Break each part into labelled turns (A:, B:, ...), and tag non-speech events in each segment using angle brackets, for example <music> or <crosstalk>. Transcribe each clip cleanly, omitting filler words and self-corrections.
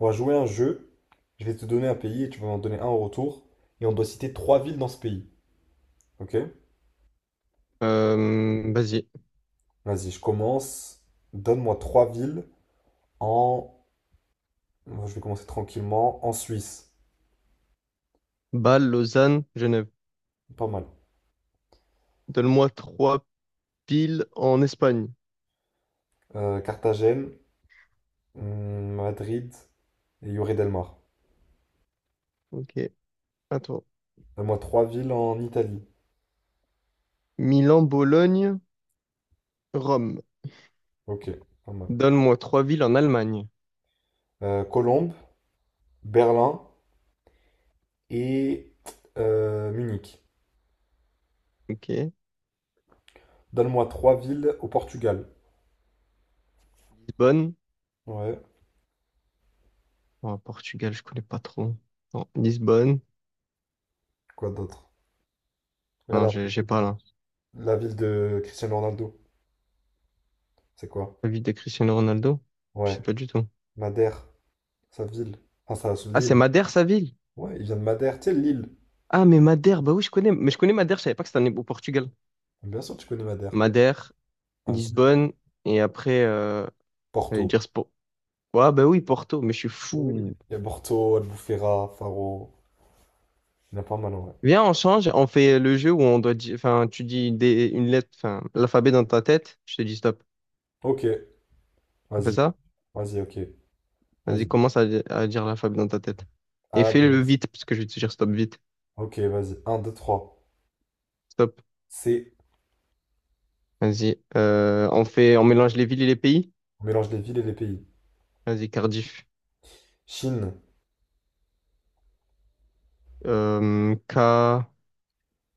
A: On va jouer à un jeu, je vais te donner un pays et tu vas m'en donner un en retour. Et on doit citer trois villes dans ce pays. Ok?
B: Vas-y.
A: Vas-y, je commence. Donne-moi trois villes en. Je vais commencer tranquillement en Suisse.
B: Bâle, Lausanne, Genève.
A: Pas mal.
B: Donne-moi trois villes en Espagne.
A: Carthagène, Madrid et Lloret del Mar.
B: Ok, attends.
A: Donne-moi trois villes en Italie.
B: Milan, Bologne, Rome.
A: Ok, pas mal.
B: Donne-moi trois villes en Allemagne.
A: Colombe, Berlin et Munich.
B: Ok.
A: Donne-moi trois villes au Portugal.
B: Lisbonne.
A: Ouais,
B: Oh, Portugal, je connais pas trop. Non, Lisbonne.
A: quoi d'autre?
B: Non,
A: Regarde
B: j'ai
A: un
B: j'ai pas
A: truc.
B: là.
A: La ville de Cristiano Ronaldo. C'est quoi?
B: La ville de Cristiano Ronaldo? Je
A: Ouais,
B: sais pas du tout.
A: Madère, sa ville. Enfin, sa
B: Ah, c'est
A: l'île.
B: Madère, sa ville?
A: Ouais, il vient de Madère, tu sais, l'île.
B: Ah, mais Madère, bah oui, je connais. Mais je connais Madère, je savais pas que au Portugal.
A: Bien sûr, tu connais Madère.
B: Madère,
A: Vas-y.
B: Lisbonne, et après, j'allais
A: Porto.
B: dire Spo. Ouais, bah oui, Porto, mais je suis
A: Oui.
B: fou.
A: Il y a Porto, Albufeira, Faro. Il y en a pas mal, ouais.
B: Viens, on change, on fait le jeu où on doit dire, enfin, tu dis des, une lettre, enfin, l'alphabet dans ta tête, je te dis stop.
A: Ok,
B: On fait
A: vas-y.
B: ça?
A: Vas-y, ok.
B: Vas-y,
A: Vas-y.
B: à dire l'alphabet dans ta tête. Et
A: Ah B.
B: fais-le vite, parce que je vais te dire stop vite.
A: Ok, vas-y. Un 2 3
B: Stop.
A: C.
B: Vas-y. On fait, on mélange les villes et les pays.
A: On mélange les villes et les pays.
B: Vas-y, Cardiff.
A: Chine.
B: K.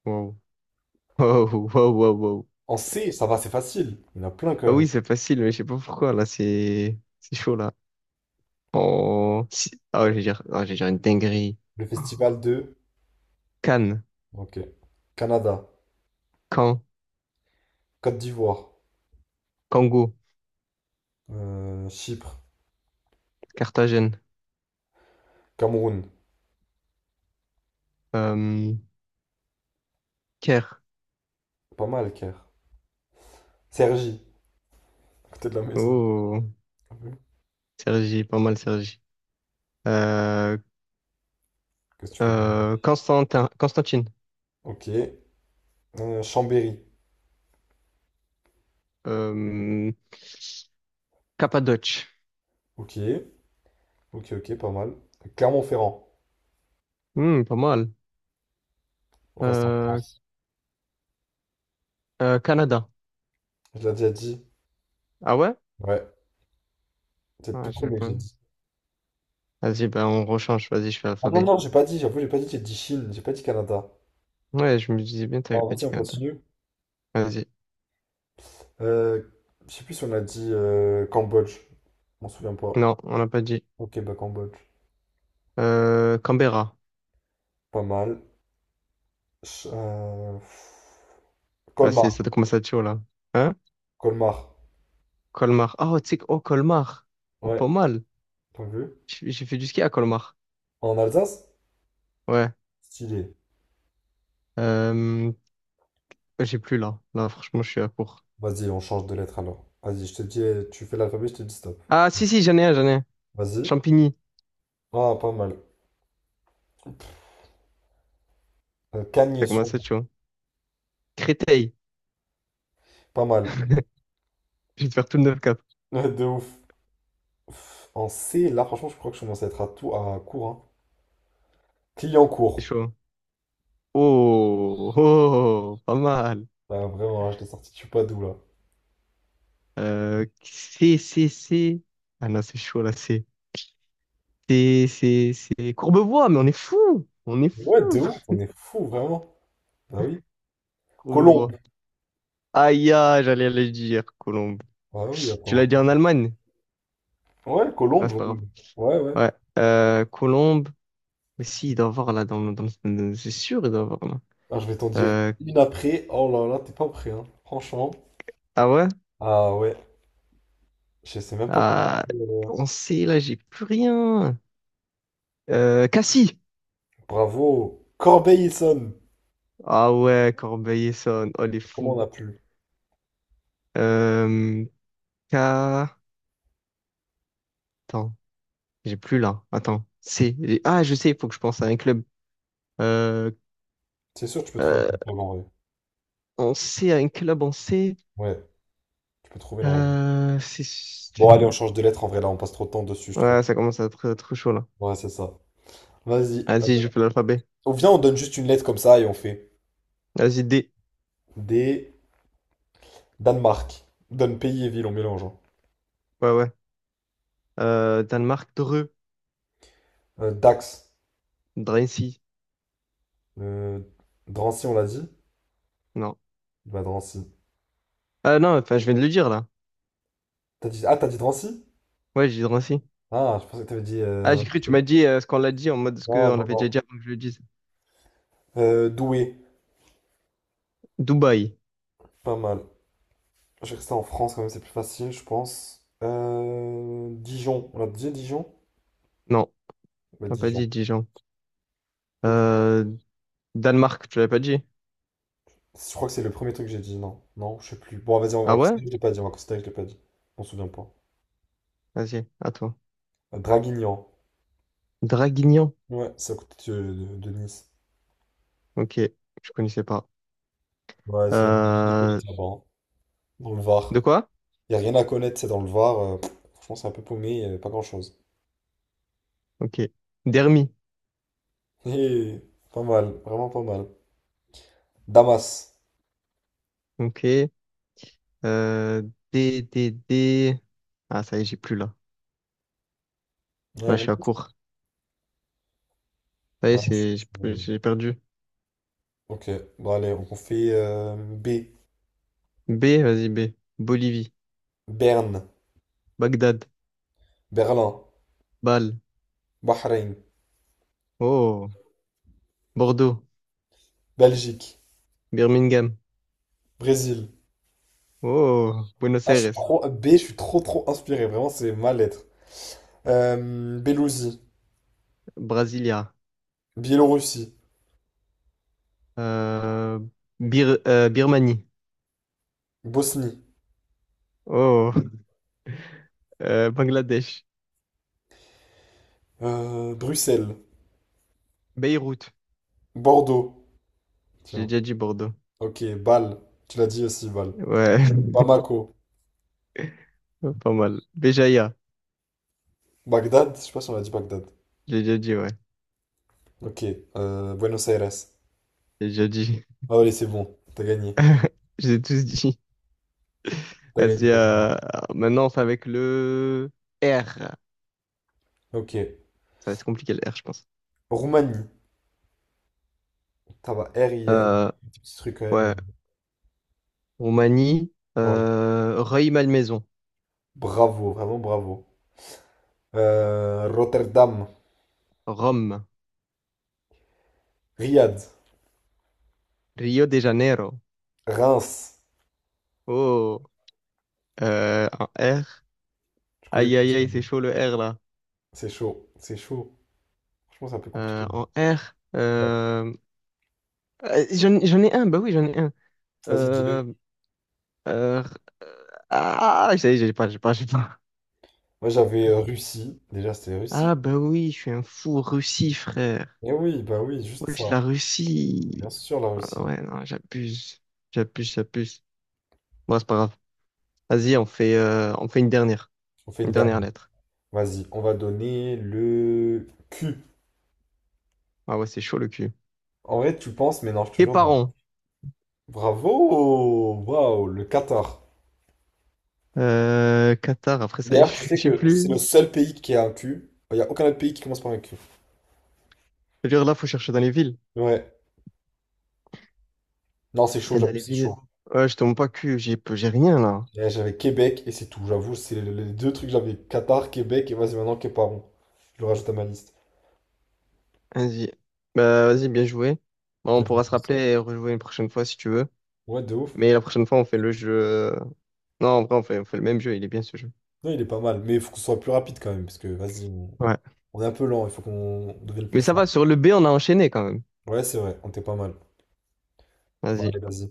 B: Wow. <laughs> Wow, wow, wow, wow.
A: En C, ça va, c'est facile. Il y en a plein quand
B: Ah
A: même.
B: oui, c'est facile, mais je sais pas pourquoi, là, c'est chaud, là. Ouais, je vais dire une dinguerie.
A: Le festival de.
B: Cannes,
A: Ok. Canada.
B: Caen,
A: Côte d'Ivoire.
B: Congo,
A: Chypre.
B: Carthagène.
A: Cameroun.
B: Euh, Kerr.
A: Pas mal, Caire. Sergi. À côté de la maison.
B: Oh,
A: Ah oui.
B: Sergi, pas mal Sergi. Euh,
A: Qu'est-ce que tu peux dire?
B: Constantin, Constantine.
A: Ok. Chambéry.
B: Euh, Cappadoce.
A: Ok. Ok, pas mal. Clermont-Ferrand.
B: Hmm, pas mal.
A: On reste en
B: Euh,
A: France.
B: Canada.
A: Je l'ai déjà dit.
B: Ah ouais?
A: Ouais. C'est le tout
B: Ah, j'ai
A: premier que
B: pas-
A: j'ai dit.
B: Vas-y, ben on rechange. Vas-y, je fais
A: Ah non,
B: alphabet.
A: non, j'ai pas dit. J'avoue, j'ai pas dit. J'ai dit Chine. J'ai pas dit Canada.
B: Ouais, je me disais bien, t'avais
A: Alors,
B: pas
A: vas-y,
B: dit
A: on
B: Canada.
A: continue.
B: Vas-y.
A: Euh, je sais plus si on a dit Cambodge. Je m'en souviens pas.
B: Non, on n'a pas dit.
A: Ok, bah Cambodge.
B: Canberra.
A: Pas mal. Ch- euh, pff,
B: Ah,
A: Colmar.
B: ça commence à être chaud, là. Hein?
A: Colmar.
B: Colmar. Ah, Oh, oh, Colmar. Oh,
A: Ouais.
B: pas mal.
A: T'as vu?
B: J'ai fait du ski à Colmar.
A: En Alsace?
B: Ouais.
A: Stylé.
B: Euh, Ouais, j'ai plus là. Là, franchement, je suis à court.
A: Vas-y, on change de lettre alors. Vas-y, je te dis, tu fais l'alphabet, je te dis stop.
B: Ah, si, j'en ai un.
A: Vas-y.
B: Champigny.
A: Ah, pas mal. Cagnes
B: Ça
A: sur lui.
B: commence à être chaud, hein. Créteil.
A: Pas mal. <laughs>
B: Je vais te faire tout le 9 cap.
A: Ouais, de ouf. Pff, en C, là, franchement, je crois que je commence à être à court. Hein. Client
B: C'est
A: court.
B: chaud, hein. Oh, oh, oh, oh, pas mal.
A: Ah, vraiment, là, je t'ai sorti, tu sais pas d'où, là.
B: C'est. Ah non, c'est. C'est. Courbevoie, mais on est fou. On est
A: Mais
B: fou,
A: ouais, de ouf, on est fou, vraiment. Bah oui. Colombe.
B: Courbevoie. Aïe, aïe, j'allais le dire, Colombe.
A: Ah oui,
B: Tu
A: attends.
B: l'as dit en Allemagne?
A: Ouais,
B: Ah,
A: Colombe.
B: c'est pas
A: Oui.
B: grave.
A: Ouais, ouais.
B: Ouais. Colombe. Mais si, il doit y avoir là, c'est sûr, il doit y avoir là.
A: Ah, je vais t'en dire
B: Euh,
A: une après. Oh là là, t'es pas prêt, hein. Franchement.
B: ah ouais?
A: Ah ouais. Je sais même pas comment j'ai
B: Ah,
A: pu.
B: on sait, là, j'ai plus rien. Cassie.
A: Bravo. Corbeil-Essonne.
B: Ah ouais, Corbeil-Essonnes. Oh, les
A: Comment on
B: fous.
A: a pu?
B: Euh, K... Attends, j'ai plus là. Attends. C. Ah, je sais, il faut que je pense à un club. Euh,
A: C'est sûr que tu peux trouver des
B: euh,
A: trucs en vrai.
B: on sait, à un club, on sait.
A: Ouais, tu peux trouver normalement.
B: C'est...
A: Bon, allez, on change de lettre en vrai, là, on passe trop de temps dessus, je trouve.
B: Ouais, ça commence à être trop chaud, là.
A: Ouais, c'est ça. Vas-y.
B: Vas-y, je fais l'alphabet.
A: On vient, on donne juste une lettre comme ça et on fait.
B: Vas-y, D.
A: D. Danemark. On donne pays et ville, on mélange, hein.
B: Ouais, ouais. Danemark, Dreux.
A: Dax.
B: Drancy.
A: Euh, Drancy, on l'a dit?
B: Non.
A: Bah, Drancy.
B: Ah non, enfin, je viens de le dire, là.
A: T'as dit... Ah, t'as dit Drancy?
B: Ouais, j'ai dit Drancy.
A: Ah, je pensais que t'avais dit
B: Ah,
A: un
B: j'ai
A: autre
B: cru, tu
A: truc.
B: m'as dit ce qu'on l'a dit en mode ce
A: Non,
B: qu'on
A: non,
B: l'avait
A: non.
B: déjà dit avant que je le dise.
A: Douai.
B: Dubaï.
A: Pas mal. Je vais rester en France quand même, c'est plus facile, je pense. Dijon. On a dit, Dijon?
B: Non,
A: Bah,
B: t'as pas
A: Dijon.
B: dit Dijon.
A: Ok.
B: Euh, Danemark, tu l'avais pas dit.
A: Je crois que c'est le premier truc que j'ai dit, non. Non, je sais plus. Bon, vas-y, on va
B: Ah ouais?
A: considérer que je l'ai pas dit, on va considérer que je l'ai pas dit. On se souvient pas.
B: Vas-y, à toi.
A: Draguignan.
B: Draguignan.
A: Ouais, c'est à côté de Nice.
B: Ok, je connaissais pas.
A: Ouais, il y a rien à
B: Euh,
A: connaître là-bas, hein. Dans le
B: de
A: Var.
B: quoi?
A: Il y a rien à connaître, c'est dans le Var. Franchement, c'est un peu paumé, il y avait pas grand-chose.
B: Ok. Dermi.
A: <laughs> Hé, pas mal, vraiment pas mal. Damas.
B: Ok. Euh, D. Ah, ça y est, j'ai plus là. Là,
A: Ouais,
B: je
A: bon.
B: suis à court. Ça y est,
A: Ouais, je-
B: j'ai plus-
A: je-
B: j'ai perdu.
A: Ok, bon allez, on fait B.
B: B, vas-y, B. Bolivie.
A: Berne,
B: Bagdad.
A: Berlin,
B: Bâle.
A: Bahreïn,
B: Oh. Bordeaux.
A: Belgique,
B: Birmingham.
A: Brésil.
B: Oh, Buenos
A: Ah, je suis
B: Aires,
A: trop B, je suis trop inspiré, vraiment c'est ma lettre. Bélousie,
B: Brasilia,
A: Biélorussie,
B: euh, Birmanie,
A: Bosnie,
B: oh, Bangladesh,
A: Bruxelles,
B: Beyrouth,
A: Bordeaux.
B: j'ai
A: Tiens.
B: déjà dit Bordeaux,
A: Ok, Bâle. Tu l'as dit aussi, Bâle.
B: ouais,
A: Bamako,
B: <laughs> pas mal, Béjaïa,
A: Bagdad. Je sais pas si on a dit Bagdad.
B: j'ai déjà dit, ouais,
A: Ok, Buenos Aires.
B: j'ai déjà dit,
A: Ah, allez, c'est bon. T'as gagné.
B: <laughs> j'ai tous dit.
A: T'as gagné,
B: Vas-y,
A: t'as gagné.
B: maintenant c'est avec le R, ça
A: Ok.
B: va être compliqué le R, je pense.
A: Roumanie. Ça va. R, il y a des
B: Euh,
A: petits trucs quand même.
B: ouais, Roumanie,
A: Ouais.
B: Rueil-Malmaison,
A: Bravo, vraiment bravo. Rotterdam,
B: Rome,
A: Riyad,
B: Rio de Janeiro,
A: Reims.
B: oh, un R.
A: Je connais
B: Aïe, aïe,
A: pas.
B: aïe, c'est chaud le R là.
A: C'est chaud. C'est chaud. Franchement, c'est un peu
B: Euh,
A: compliqué.
B: en R,
A: Ouais.
B: euh, j'en, j'en ai un, bah oui, j'en ai un.
A: Vas-y, dis-le.
B: Euh, euh, euh, ah, ça y est, j'ai pas. <laughs>
A: Moi j'avais Russie. Déjà c'était Russie.
B: Ah, bah oui, je suis un fou Russie, frère.
A: Eh oui, bah oui, juste
B: Oui,
A: ça.
B: la
A: Bien
B: Russie.
A: sûr la
B: Ah
A: Russie.
B: ouais, non, j'abuse. J'abuse, j'abuse. Bon, c'est pas grave. Vas-y, on fait une dernière.
A: On fait une
B: Une dernière
A: dernière.
B: lettre.
A: Vas-y, on va donner le Q.
B: Ah ouais, c'est chaud le cul.
A: En vrai tu penses, mais non, je te
B: Tes
A: jure non.
B: parents.
A: Bravo! Waouh, le Qatar.
B: Qatar, après ça y est,
A: D'ailleurs, tu
B: <laughs> je
A: sais
B: sais
A: que c'est le
B: plus.
A: seul pays qui a un Q. Il n'y a aucun autre pays qui commence par un Q.
B: C'est-à-dire là, faut chercher dans les villes.
A: Ouais. Non, c'est chaud,
B: Et
A: j'avoue,
B: d'aller
A: c'est
B: vivre.
A: chaud.
B: Ouais, je te montre pas que j'ai rien là.
A: Eh, j'avais Québec et c'est tout. J'avoue, c'est les deux trucs que j'avais. Qatar, Québec et vas-y maintenant Capron. Je le rajoute à ma liste.
B: Vas-y. Bah, vas-y, bien joué. Bon, on pourra se rappeler et rejouer une prochaine fois si tu veux.
A: Ouais, de ouf.
B: Mais la prochaine fois, on fait le jeu, non, en vrai, on fait le même jeu. Il est bien ce jeu.
A: Non, il est pas mal, mais il faut qu'on soit plus rapide quand même, parce que vas-y,
B: Ouais.
A: on est un peu lent, il faut qu'on devienne plus
B: Mais ça va,
A: fort.
B: sur le B, on a enchaîné quand même.
A: Ouais, c'est vrai, on était pas mal. Bon,
B: Vas-y.
A: allez, vas-y.